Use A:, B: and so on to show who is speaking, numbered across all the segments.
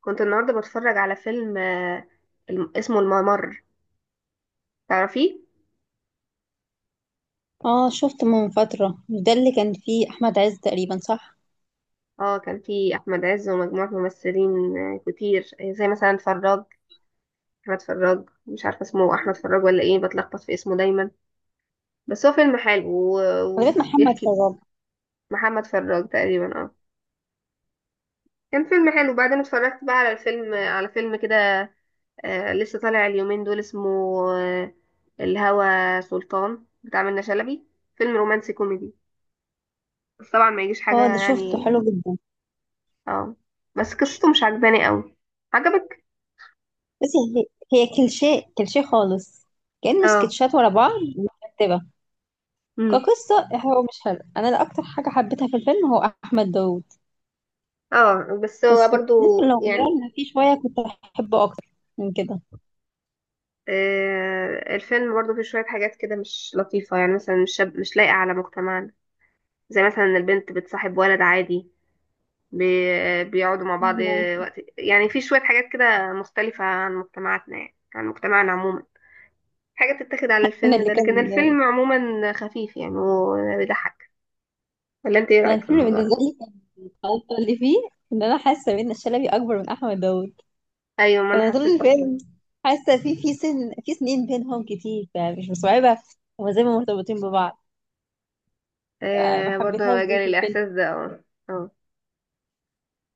A: كنت النهارده بتفرج على فيلم اسمه الممر. تعرفيه؟
B: اه، شفته من فترة. مش ده اللي كان فيه أحمد عز تقريبا، صح؟
A: اه، كان فيه احمد عز ومجموعه ممثلين كتير، زي مثلا فراج. احمد فراج، مش عارفه اسمه احمد فراج ولا ايه، بتلخبط في اسمه دايما. بس هو فيلم حلو و-
B: لغاية محمد
A: وبيحكي.
B: فضل.
A: محمد فراج تقريبا. اه، كان فيلم حلو. بعدين اتفرجت بقى على الفيلم، على فيلم كده لسه طالع اليومين دول، اسمه آه، الهوى سلطان، بتاع منة شلبي. فيلم رومانسي كوميدي، بس طبعا ما يجيش حاجه
B: اه، ده شفته
A: يعني.
B: حلو جدا.
A: اه، بس قصته مش عجباني قوي. عجبك؟
B: بس هي كليشيه كليشيه خالص. كأنه
A: اه.
B: سكتشات ورا بعض مترتبة.
A: امم.
B: كقصة هو مش حلو. أنا اللي أكتر حاجة حبيتها في الفيلم هو أحمد داوود.
A: اه بس هو
B: بس
A: برضو
B: ممكن لو
A: يعني.
B: غيرنا فيه شوية كنت أحبه أكتر من كده.
A: آه، الفيلم برضو فيه شوية حاجات كده مش لطيفة، يعني مثلا مش شاب، مش لايقة على مجتمعنا. زي مثلا إن البنت بتصاحب ولد عادي، بي بيقعدوا مع بعض وقت. يعني في شوية حاجات كده مختلفة عن مجتمعاتنا، يعني عن مجتمعنا عموما. حاجة بتتاخد على
B: أنا
A: الفيلم
B: اللي
A: ده، لكن
B: كان،
A: الفيلم عموما خفيف يعني وبيضحك. ولا انت ايه
B: أنا
A: رأيك في
B: الفيلم
A: الموضوع ده؟
B: بالنسبة لي كان الغلطة اللي فيه إن أنا حاسة بإن الشلبي أكبر من أحمد داوود.
A: ايوه، ما انا
B: فانا طول
A: حسيت كده.
B: الفيلم حاسه في سنين بينهم كتير، فمش مستوعبه هما زي ما مرتبطين ببعض. فما
A: آه برضه،
B: حبيتهاش دي
A: جالي
B: في الفيلم.
A: الإحساس ده، اه. اه،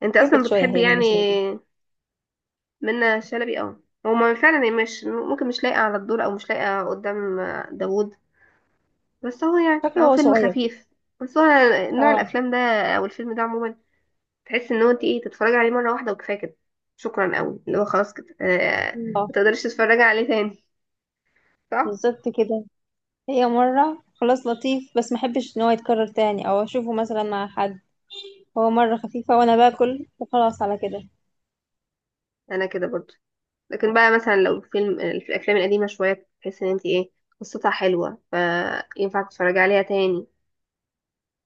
A: انت أصلا
B: كبرت شويه
A: بتحبي
B: هي من
A: يعني
B: شلبي.
A: منة شلبي؟ اه، هو ما فعلا هي مش ممكن، مش لايقة على الدور، أو مش لايقة قدام داوود. بس هو يعني
B: شكله
A: هو
B: هو
A: فيلم
B: صغير.
A: خفيف. بس هو نوع
B: اه.
A: الأفلام ده أو الفيلم ده عموما، تحس إن هو انت ايه تتفرجي عليه مرة واحدة وكفاية كده. شكرا قوي، اللي هو خلاص كده آه،
B: اه،
A: ما تقدريش تتفرجي عليه تاني. صح؟
B: بالظبط كده. هي مره خلاص لطيف، بس ما احبش ان هو يتكرر تاني او اشوفه مثلا مع حد. هو مره خفيفه وانا باكل، وخلاص على كده.
A: أنا كده برضه. لكن بقى مثلا لو فيلم الأفلام القديمة شوية، تحس إن انت ايه، قصتها حلوة فينفع تتفرجي عليها تاني.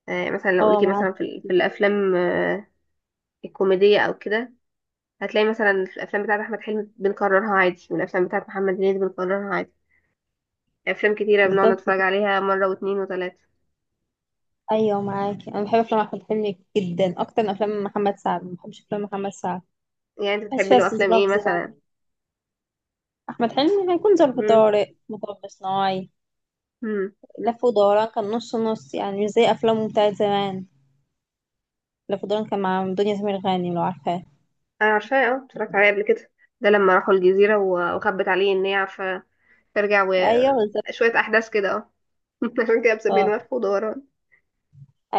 A: مثلا لو
B: اه،
A: ليكي مثلا
B: معاكي.
A: في الافلام الكوميديه او كده، هتلاقي مثلا في الافلام بتاعت احمد حلمي بنكررها عادي، والافلام بتاعت محمد هنيدي بنكررها عادي. افلام كتيره بنقعد
B: بالظبط
A: نتفرج
B: كده.
A: عليها مره واتنين وتلاته.
B: ايوه معاكي، انا بحب افلام احمد حلمي جدا اكتر من افلام محمد سعد. ما بحبش افلام محمد سعد،
A: يعني انت
B: مبحبش
A: بتحبي
B: فيها
A: له افلام
B: استظراف
A: ايه
B: زيادة.
A: مثلا؟
B: احمد حلمي هيكون ظرف
A: امم.
B: طارق، مطب صناعي،
A: امم.
B: لف ودوران كان نص نص، يعني مش زي افلامه بتاعت زمان. لف ودوران كان مع دنيا سمير غانم، لو عارفاه.
A: انا عارفاه، اه اتفرجت عليه قبل كده. ده لما راحوا الجزيره وخبت عليه ان هي عارفه ترجع،
B: ايوه بالظبط.
A: وشويه احداث كده اه. عشان كده مسمينه
B: اه،
A: لف ودوران.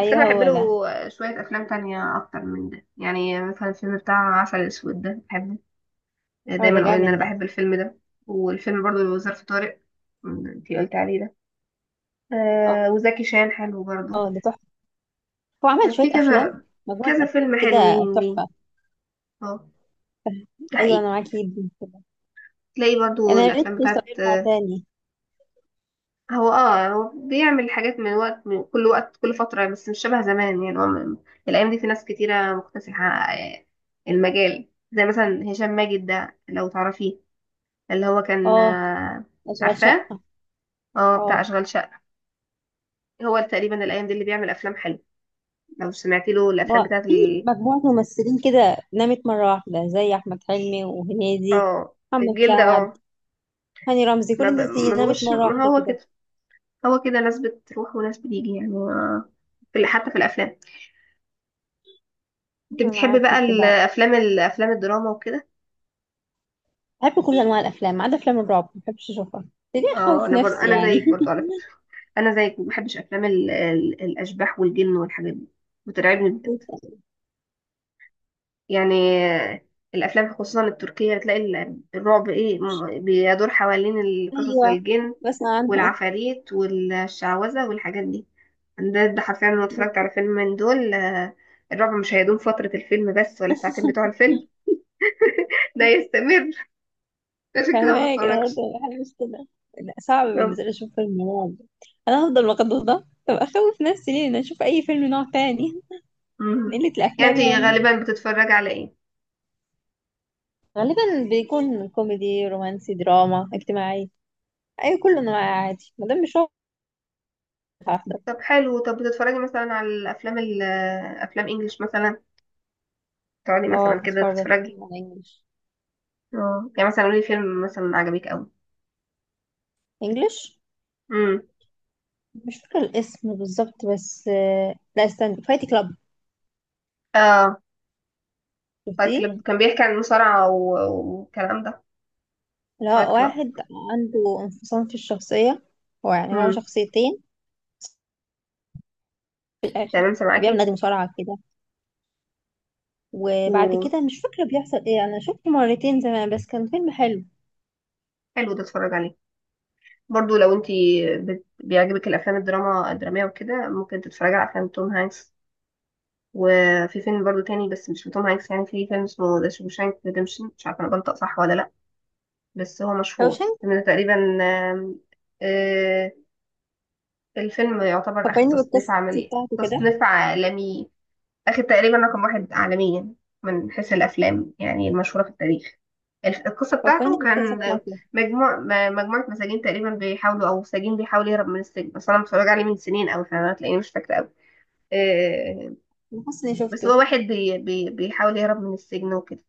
A: بس انا بحب
B: هو
A: له
B: ده.
A: شويه افلام تانية اكتر من ده. يعني مثلا الفيلم بتاع عسل اسود ده بحبه، يعني
B: هو ده
A: دايما اقول ان
B: جامد
A: انا
B: ده.
A: بحب الفيلم ده. والفيلم برضو اللي هو ظرف طارق، انتي قلت عليه ده.
B: اه.
A: آه، وزكي شان حلو برضو.
B: اه، ده تحفه. هو عمل شويه
A: في
B: افلام،
A: كذا،
B: مجموعه
A: كذا
B: افلام
A: فيلم
B: كده.
A: حلوين ليه.
B: تحفه.
A: اه، ده
B: ايوه
A: حقيقي.
B: انا معاكي جدا كده.
A: تلاقي برضو
B: انا يا ريت
A: الافلام
B: فرصه
A: بتاعت
B: يرجع
A: آه.
B: تاني.
A: هو اه، هو بيعمل حاجات من وقت، من كل وقت، كل فترة، بس مش شبه زمان. يعني هو الايام دي في ناس كتيرة مكتسحة آه، المجال، زي مثلا هشام ماجد ده لو تعرفيه، اللي هو كان
B: اه، اشغال
A: عارفاه؟
B: شقه.
A: اه، بتاع
B: اه.
A: اشغال شقة. هو تقريبا الايام دي اللي بيعمل افلام حلوة. لو سمعتي له الافلام
B: هو
A: بتاعت
B: في
A: ال...
B: مجموعه ممثلين كده نامت مره واحده، زي احمد حلمي وهنيدي،
A: اه
B: محمد
A: الجلد
B: سعد،
A: اه.
B: هاني رمزي. كل الناس دي
A: ما
B: نامت
A: بقوش،
B: مرة
A: ما
B: واحدة
A: هو كده.
B: كده.
A: هو كده، ناس بتروح وناس بتيجي. يعني في حتى في الافلام، انت
B: انا
A: بتحبي
B: معاكي
A: بقى
B: في كده.
A: الافلام، الافلام الدراما وكده؟
B: بحب كل انواع الافلام ما عدا افلام الرعب، ما بحبش اشوفها. ليه؟
A: اه،
B: اخوف
A: انا برضه،
B: نفسي
A: انا
B: يعني.
A: زيك برضه على فكره. انا زيك، ما بحبش افلام ال... ال... الاشباح والجن والحاجات دي، بترعبني بجد يعني. آه، الافلام خصوصا التركيه، بتلاقي الرعب ايه، بيدور حوالين القصص،
B: ايوه.
A: الجن
B: بسمع عنهم.
A: والعفاريت والشعوذه والحاجات دي. ده ده حرفيا انا اتفرجت على فيلم من دول الرعب مش هيدوم فترة الفيلم بس، ولا الساعتين بتوع الفيلم، ده يستمر. عشان كده ما
B: فاهمة كده، برضه
A: بتفرجش.
B: حاجة مش كده. لا، صعب
A: طب
B: بالنسبة لي اشوف فيلم رعب. انا هفضل مقدوس، ده طب اخوف نفسي ليه إن أنا اشوف اي فيلم نوع تاني. من
A: مم.
B: قلة
A: يعني
B: الافلام
A: انت
B: يعني.
A: غالبا بتتفرجي على ايه؟
B: غالبا بيكون كوميدي، رومانسي، دراما اجتماعي. اي كل انواع، عادي ما دام مش رعب، هحضر.
A: طب حلو. طب بتتفرجي مثلا على الافلام ال- افلام انجليش مثلا؟ تقعدي
B: اه،
A: مثلا كده
B: بتفرج
A: تتفرجي؟
B: كتير على انجلش.
A: اه، يعني مثلا قولي فيلم مثلا عجبك قوي.
B: انجلش،
A: امم.
B: مش فاكرة الاسم بالظبط، بس لا استنى، فايت كلاب.
A: اه فايت
B: شفتيه؟
A: كلاب كان بيحكي عن المصارعة والكلام ده.
B: اللي
A: فايت
B: هو
A: كلاب.
B: واحد عنده انفصام في الشخصية، هو يعني هو
A: امم.
B: شخصيتين في الآخر.
A: تمام،
B: وبيعمل
A: سامعاكي.
B: نادي مصارعة كده. وبعد
A: وحلو،
B: كده مش فاكرة بيحصل ايه، أنا شفته مرتين زمان بس كان فيلم حلو.
A: ده اتفرج عليه. برضو لو انت بيعجبك الافلام الدراما الدراميه وكده، ممكن تتفرجي على افلام توم هانكس. وفي فيلم برضو تاني بس مش لتوم هانكس، يعني في فيلم اسمه ذا شوشانك ريديمشن، مش عارفه انا بنطق صح ولا لا، بس هو مشهور
B: روشن.
A: الفيلم ده تقريبا. آم، آه، الفيلم يعتبر اخد
B: فكرني
A: تصنيف
B: بالقصة
A: عملي،
B: بتاعته كده.
A: تصنيف عالمي. أخد تقريبا رقم 1 عالميا من حيث الأفلام، يعني المشهورة في التاريخ. القصة
B: فكرني
A: بتاعته كان
B: بالقصة بتاعته.
A: مجموعة مساجين تقريبا بيحاولوا، أو سجين بيحاول يهرب من السجن. بس أنا متفرج عليه من سنين أوي، فأنا هتلاقيني مش فاكرة أوي آه،
B: أنا حاسة إني
A: بس
B: شفته.
A: هو واحد بي بي بيحاول يهرب من السجن وكده.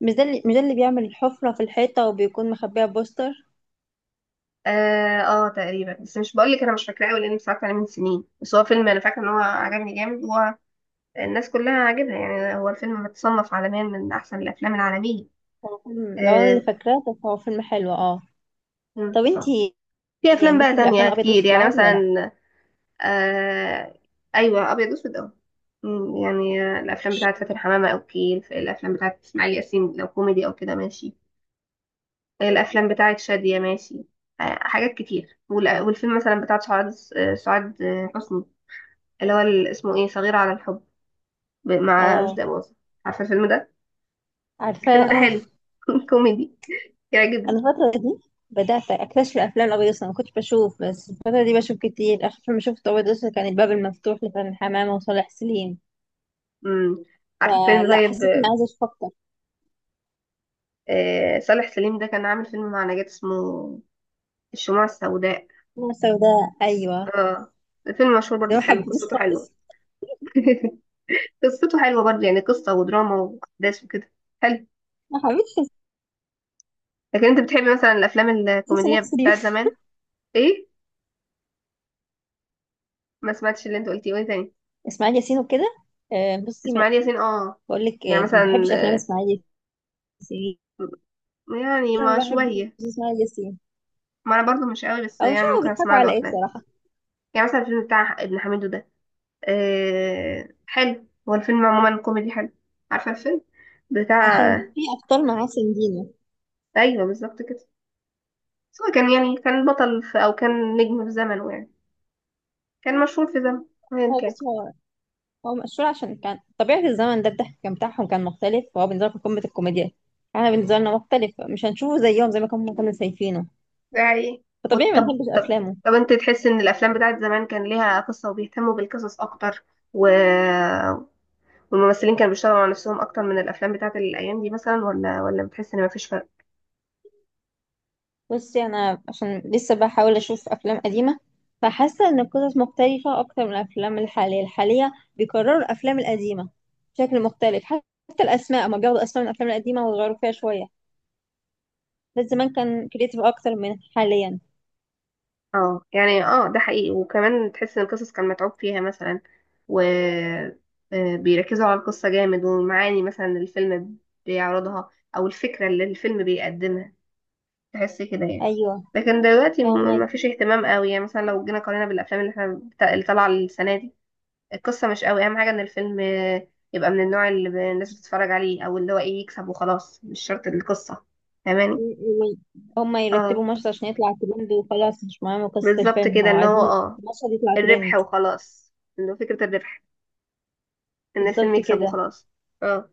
B: مش ده اللي بيعمل الحفرة في الحيطة وبيكون مخبيها بوستر.
A: اه، تقريبا. بس مش بقول لك انا مش فاكراه قوي، لاني اتفرجت عليه من سنين، بس هو فيلم انا فاكره ان هو عجبني جامد. هو الناس كلها عاجبها يعني، هو الفيلم متصنف عالميا من احسن الافلام العالميه.
B: هو فيلم لو أنا اللي
A: آه.
B: فاكراه، طب هو فيلم حلو اه.
A: مم.
B: طب انتي،
A: في افلام بقى
B: ليكي في الأفلام
A: تانية
B: الأبيض
A: كتير
B: وأسود
A: يعني
B: العربي ولا؟
A: مثلا. آه ايوه، ابيض واسود اه. يعني الافلام بتاعت فاتن حمامة، او كيل الافلام بتاعت اسماعيل ياسين لو كوميدي او كده ماشي، الافلام بتاعت شادية ماشي. آه حاجات كتير. والفيلم مثلا بتاع سعاد سعاد حسني، اللي هو اسمه ايه، صغيرة على الحب، مع
B: اه،
A: رشدي أباظة. عارفة الفيلم ده؟
B: عارفاه
A: الفيلم ده
B: اه.
A: حلو، كوميدي، يعجبني.
B: انا الفترة دي بدأت اكتشف الافلام الابيض والأسود. انا ما كنتش بشوف، بس الفترة دي بشوف كتير. اخر فيلم شفته ابيض واسود كان الباب المفتوح لفرح حمامة وصالح سليم.
A: امم، عارفة الفيلم
B: فلا
A: طيب.
B: حسيت اني عايزة اشوف اكتر.
A: آه صالح سليم ده كان عامل فيلم مع نجاة، اسمه الشموع السوداء.
B: انا سوداء ايوه.
A: اه، فيلم مشهور
B: ده
A: برضو
B: ما
A: حلو،
B: حبيتوش
A: قصته حلوة.
B: خالص.
A: قصته حلوة برضو، يعني قصة ودراما وأحداث وكده، حلو.
B: ما حبيتش
A: لكن انت بتحبي مثلا الأفلام
B: تمثيل
A: الكوميدية
B: صالح سليم.
A: بتاعت زمان؟ ايه؟ ما سمعتش اللي انت قلتيه، وايه تاني؟
B: اسماعيل ياسين وكده. بصي،
A: اسماعيل ياسين اه.
B: بقول لك،
A: يعني
B: ما
A: مثلا
B: بحبش افلام اسماعيل ياسين.
A: يعني
B: انا
A: ما
B: ما بحبش
A: شوية،
B: اسماعيل ياسين،
A: ما انا برضو مش قوي، بس
B: او
A: يعني
B: مش عارفه
A: ممكن
B: بيضحكوا
A: اسمع له
B: على ايه
A: افلام.
B: بصراحة.
A: يعني مثلا الفيلم بتاع ابن حميدو ده، آه حلو، هو الفيلم عموما كوميدي حلو. عارفة الفيلم
B: عشان
A: بتاع؟
B: في ابطال معاه سندينة.
A: ايوه بالظبط كده. بس هو كان يعني كان بطل في، او كان نجم في زمنه يعني، كان مشهور في زمن، ايا
B: هو
A: كان.
B: بص، هو مشهور عشان كان طبيعة الزمن ده الضحك كان بتاعهم كان مختلف، فهو بالنسبة لهم قمة الكوميديا. احنا بالنسبة لنا مختلف، مش هنشوفه زيهم زي ما كنا شايفينه.
A: ده حقيقي.
B: فطبيعي ما
A: وطب
B: نحبش
A: طب،
B: أفلامه.
A: طب انت تحس ان الافلام بتاعت زمان كان ليها قصة وبيهتموا بالقصص اكتر، و... والممثلين كانوا بيشتغلوا على نفسهم اكتر من الافلام بتاعت الايام دي مثلا، ولا ولا بتحس ان مفيش فرق؟
B: بصي، أنا عشان لسه بحاول أشوف أفلام قديمة، فحاسة إن القصص مختلفة أكتر من الأفلام الحالية. بيكرروا الأفلام القديمة بشكل مختلف. حتى الأسماء ما بياخدوا أسماء من الأفلام القديمة ويغيروا فيها شوية. بس زمان كان كريتيف أكتر من حاليا.
A: اه يعني اه، ده حقيقي. وكمان تحس ان القصص كان متعوب فيها مثلا، و بيركزوا على القصة جامد، والمعاني مثلا اللي الفيلم بيعرضها، او الفكرة اللي الفيلم بيقدمها. تحسي كده يعني.
B: أيوه.
A: لكن دلوقتي
B: فاهمك.
A: مفيش اهتمام قوي، يعني مثلا لو جينا قارنا بالافلام اللي احنا اللي طالعه السنه دي، القصه مش قوي اهم حاجه. ان الفيلم يبقى من النوع اللي الناس بتتفرج عليه، او اللي هو ايه يكسب وخلاص، مش شرط القصه. فاهماني؟
B: و- هما
A: اه
B: يرتبوا مشهد عشان يطلع ترند وخلاص. مش مهم قصة
A: بالظبط
B: الفيلم،
A: كده،
B: هو
A: ان هو
B: عايزين
A: اه
B: مشهد يطلع
A: الربح
B: ترند.
A: وخلاص، انه فكره الربح، ان الفيلم
B: بالظبط
A: يكسب
B: كده.
A: وخلاص. اه.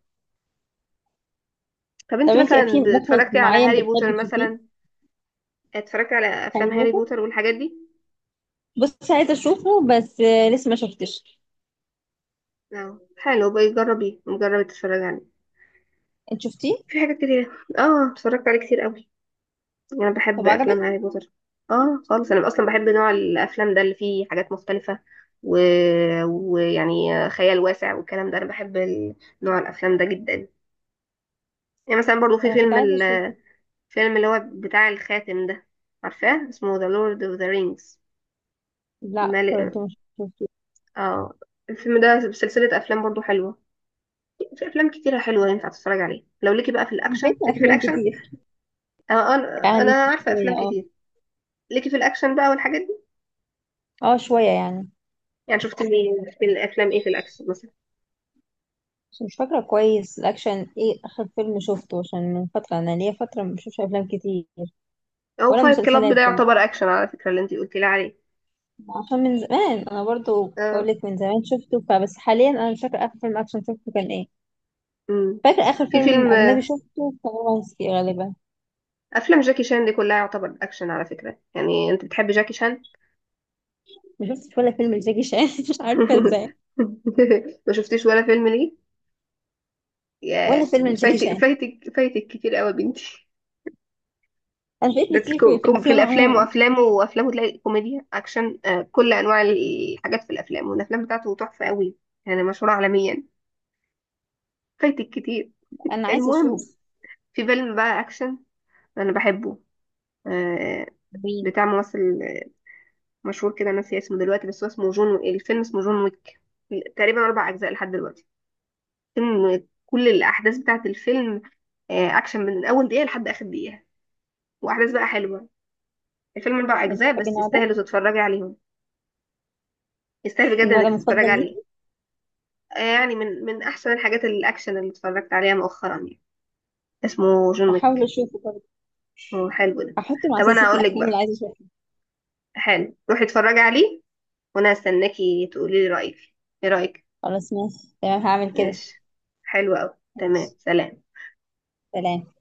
A: طب
B: طب
A: انت
B: انتي، في
A: مثلا
B: مخرج
A: اتفرجتي على
B: معين
A: هاري
B: بتحبي
A: بوتر
B: تشوفيه؟
A: مثلا؟ اتفرجتي على
B: في هاري
A: افلام هاري
B: بوتر،
A: بوتر والحاجات دي؟
B: بص عايزة اشوفه بس لسه ما شفتش.
A: اه حلو بقى، جربي، جربي تتفرجي عليه،
B: انت شفتيه؟
A: في حاجات كتير. اه اتفرجت عليه كتير قوي، يعني انا بحب
B: طب
A: افلام
B: عجبك؟
A: هاري بوتر. اه خالص، انا اصلا بحب نوع الافلام ده اللي فيه حاجات مختلفه، و... ويعني خيال واسع والكلام ده، انا بحب نوع الافلام ده جدا. يعني مثلا برضو في
B: انا كنت
A: فيلم
B: عايزة اشوفه.
A: الفيلم اللي هو بتاع الخاتم ده، عارفاه؟ اسمه The Lord of the Rings.
B: لا، برضه
A: مال...
B: مش شفته.
A: اه الفيلم ده سلسله افلام برضو حلوه. في افلام كتيره حلوه ينفع تتفرج عليها، لو ليكي بقى في
B: انا
A: الاكشن،
B: فايتة
A: ليكي في
B: افلام
A: الاكشن.
B: كتير.
A: انا انا
B: يعني
A: عارفه افلام
B: شوية اه.
A: كتير. ليكي في الاكشن بقى والحاجات.
B: اه، شوية يعني.
A: يعني شفت مين في الافلام ايه في الاكشن مثلا؟
B: بس مش فاكرة كويس الأكشن. ايه آخر فيلم شفته؟ عشان من فترة أنا، ليا فترة ما بشوفش أفلام كتير
A: او
B: ولا
A: فايت كلاب
B: مسلسلات.
A: ده يعتبر اكشن على فكره، اللي انت قلتي لي عليه.
B: عشان من زمان، انا برضو
A: اه.
B: بقولك من زمان شفته، فبس حاليا انا مش فاكره اخر فيلم اكشن شفته كان ايه.
A: امم.
B: فاكره اخر
A: في
B: فيلم
A: فيلم،
B: اجنبي شفته كان رومانسي غالبا.
A: افلام جاكي شان دي كلها يعتبر اكشن على فكره، يعني انت بتحبي جاكي شان؟
B: ما شفتش ولا فيلم لجاكي شان. مش عارفه ازاي.
A: ما شفتيش ولا فيلم ليه، يا
B: ولا فيلم لجاكي
A: فايتك
B: شان.
A: فايتك فايتك كتير قوي يا بنتي.
B: انا
A: ده
B: فايتني كتير في, في
A: في
B: الافلام
A: الافلام،
B: عموما.
A: وافلامه، وافلامه تلاقي كوميديا، اكشن، كل انواع الحاجات في الافلام، والافلام بتاعته تحفه قوي، يعني مشهوره عالميا. فايتك كتير.
B: انا عايزه
A: المهم،
B: اشوف.
A: في فيلم بقى اكشن انا بحبه، آه،
B: مين؟
A: بتاع ممثل مشهور كده انا ناسيه اسمه دلوقتي، بس هو اسمه جون، الفيلم اسمه جون ويك. تقريبا 4 اجزاء لحد دلوقتي. فيلم كل الاحداث بتاعه الفيلم اكشن من اول دقيقه لحد اخر دقيقه، واحداث بقى حلوه. الفيلم اربع
B: انت
A: اجزاء
B: بتحبي
A: بس
B: النوع ده؟
A: يستاهلوا تتفرجي عليهم، يستاهل بجد
B: النوع
A: انك
B: ده
A: تتفرج
B: مفضل
A: عليه.
B: ليكي؟
A: يعني من من احسن الحاجات الاكشن اللي اتفرجت عليها مؤخرا يعني. اسمه جون
B: هحاول
A: ويك.
B: اشوفه برضه.
A: هو حلو ده.
B: هحطه مع
A: طب انا
B: سلسله
A: اقول لك
B: الافلام اللي
A: بقى،
B: عايزه اشوفها.
A: حلو، روحي اتفرجي عليه وانا هستناكي تقولي لي رايك. ايه رايك؟
B: خلاص، ماشي تمام، هعمل كده.
A: ماشي. حلو أوي،
B: ماشي.
A: تمام، سلام.
B: سلام.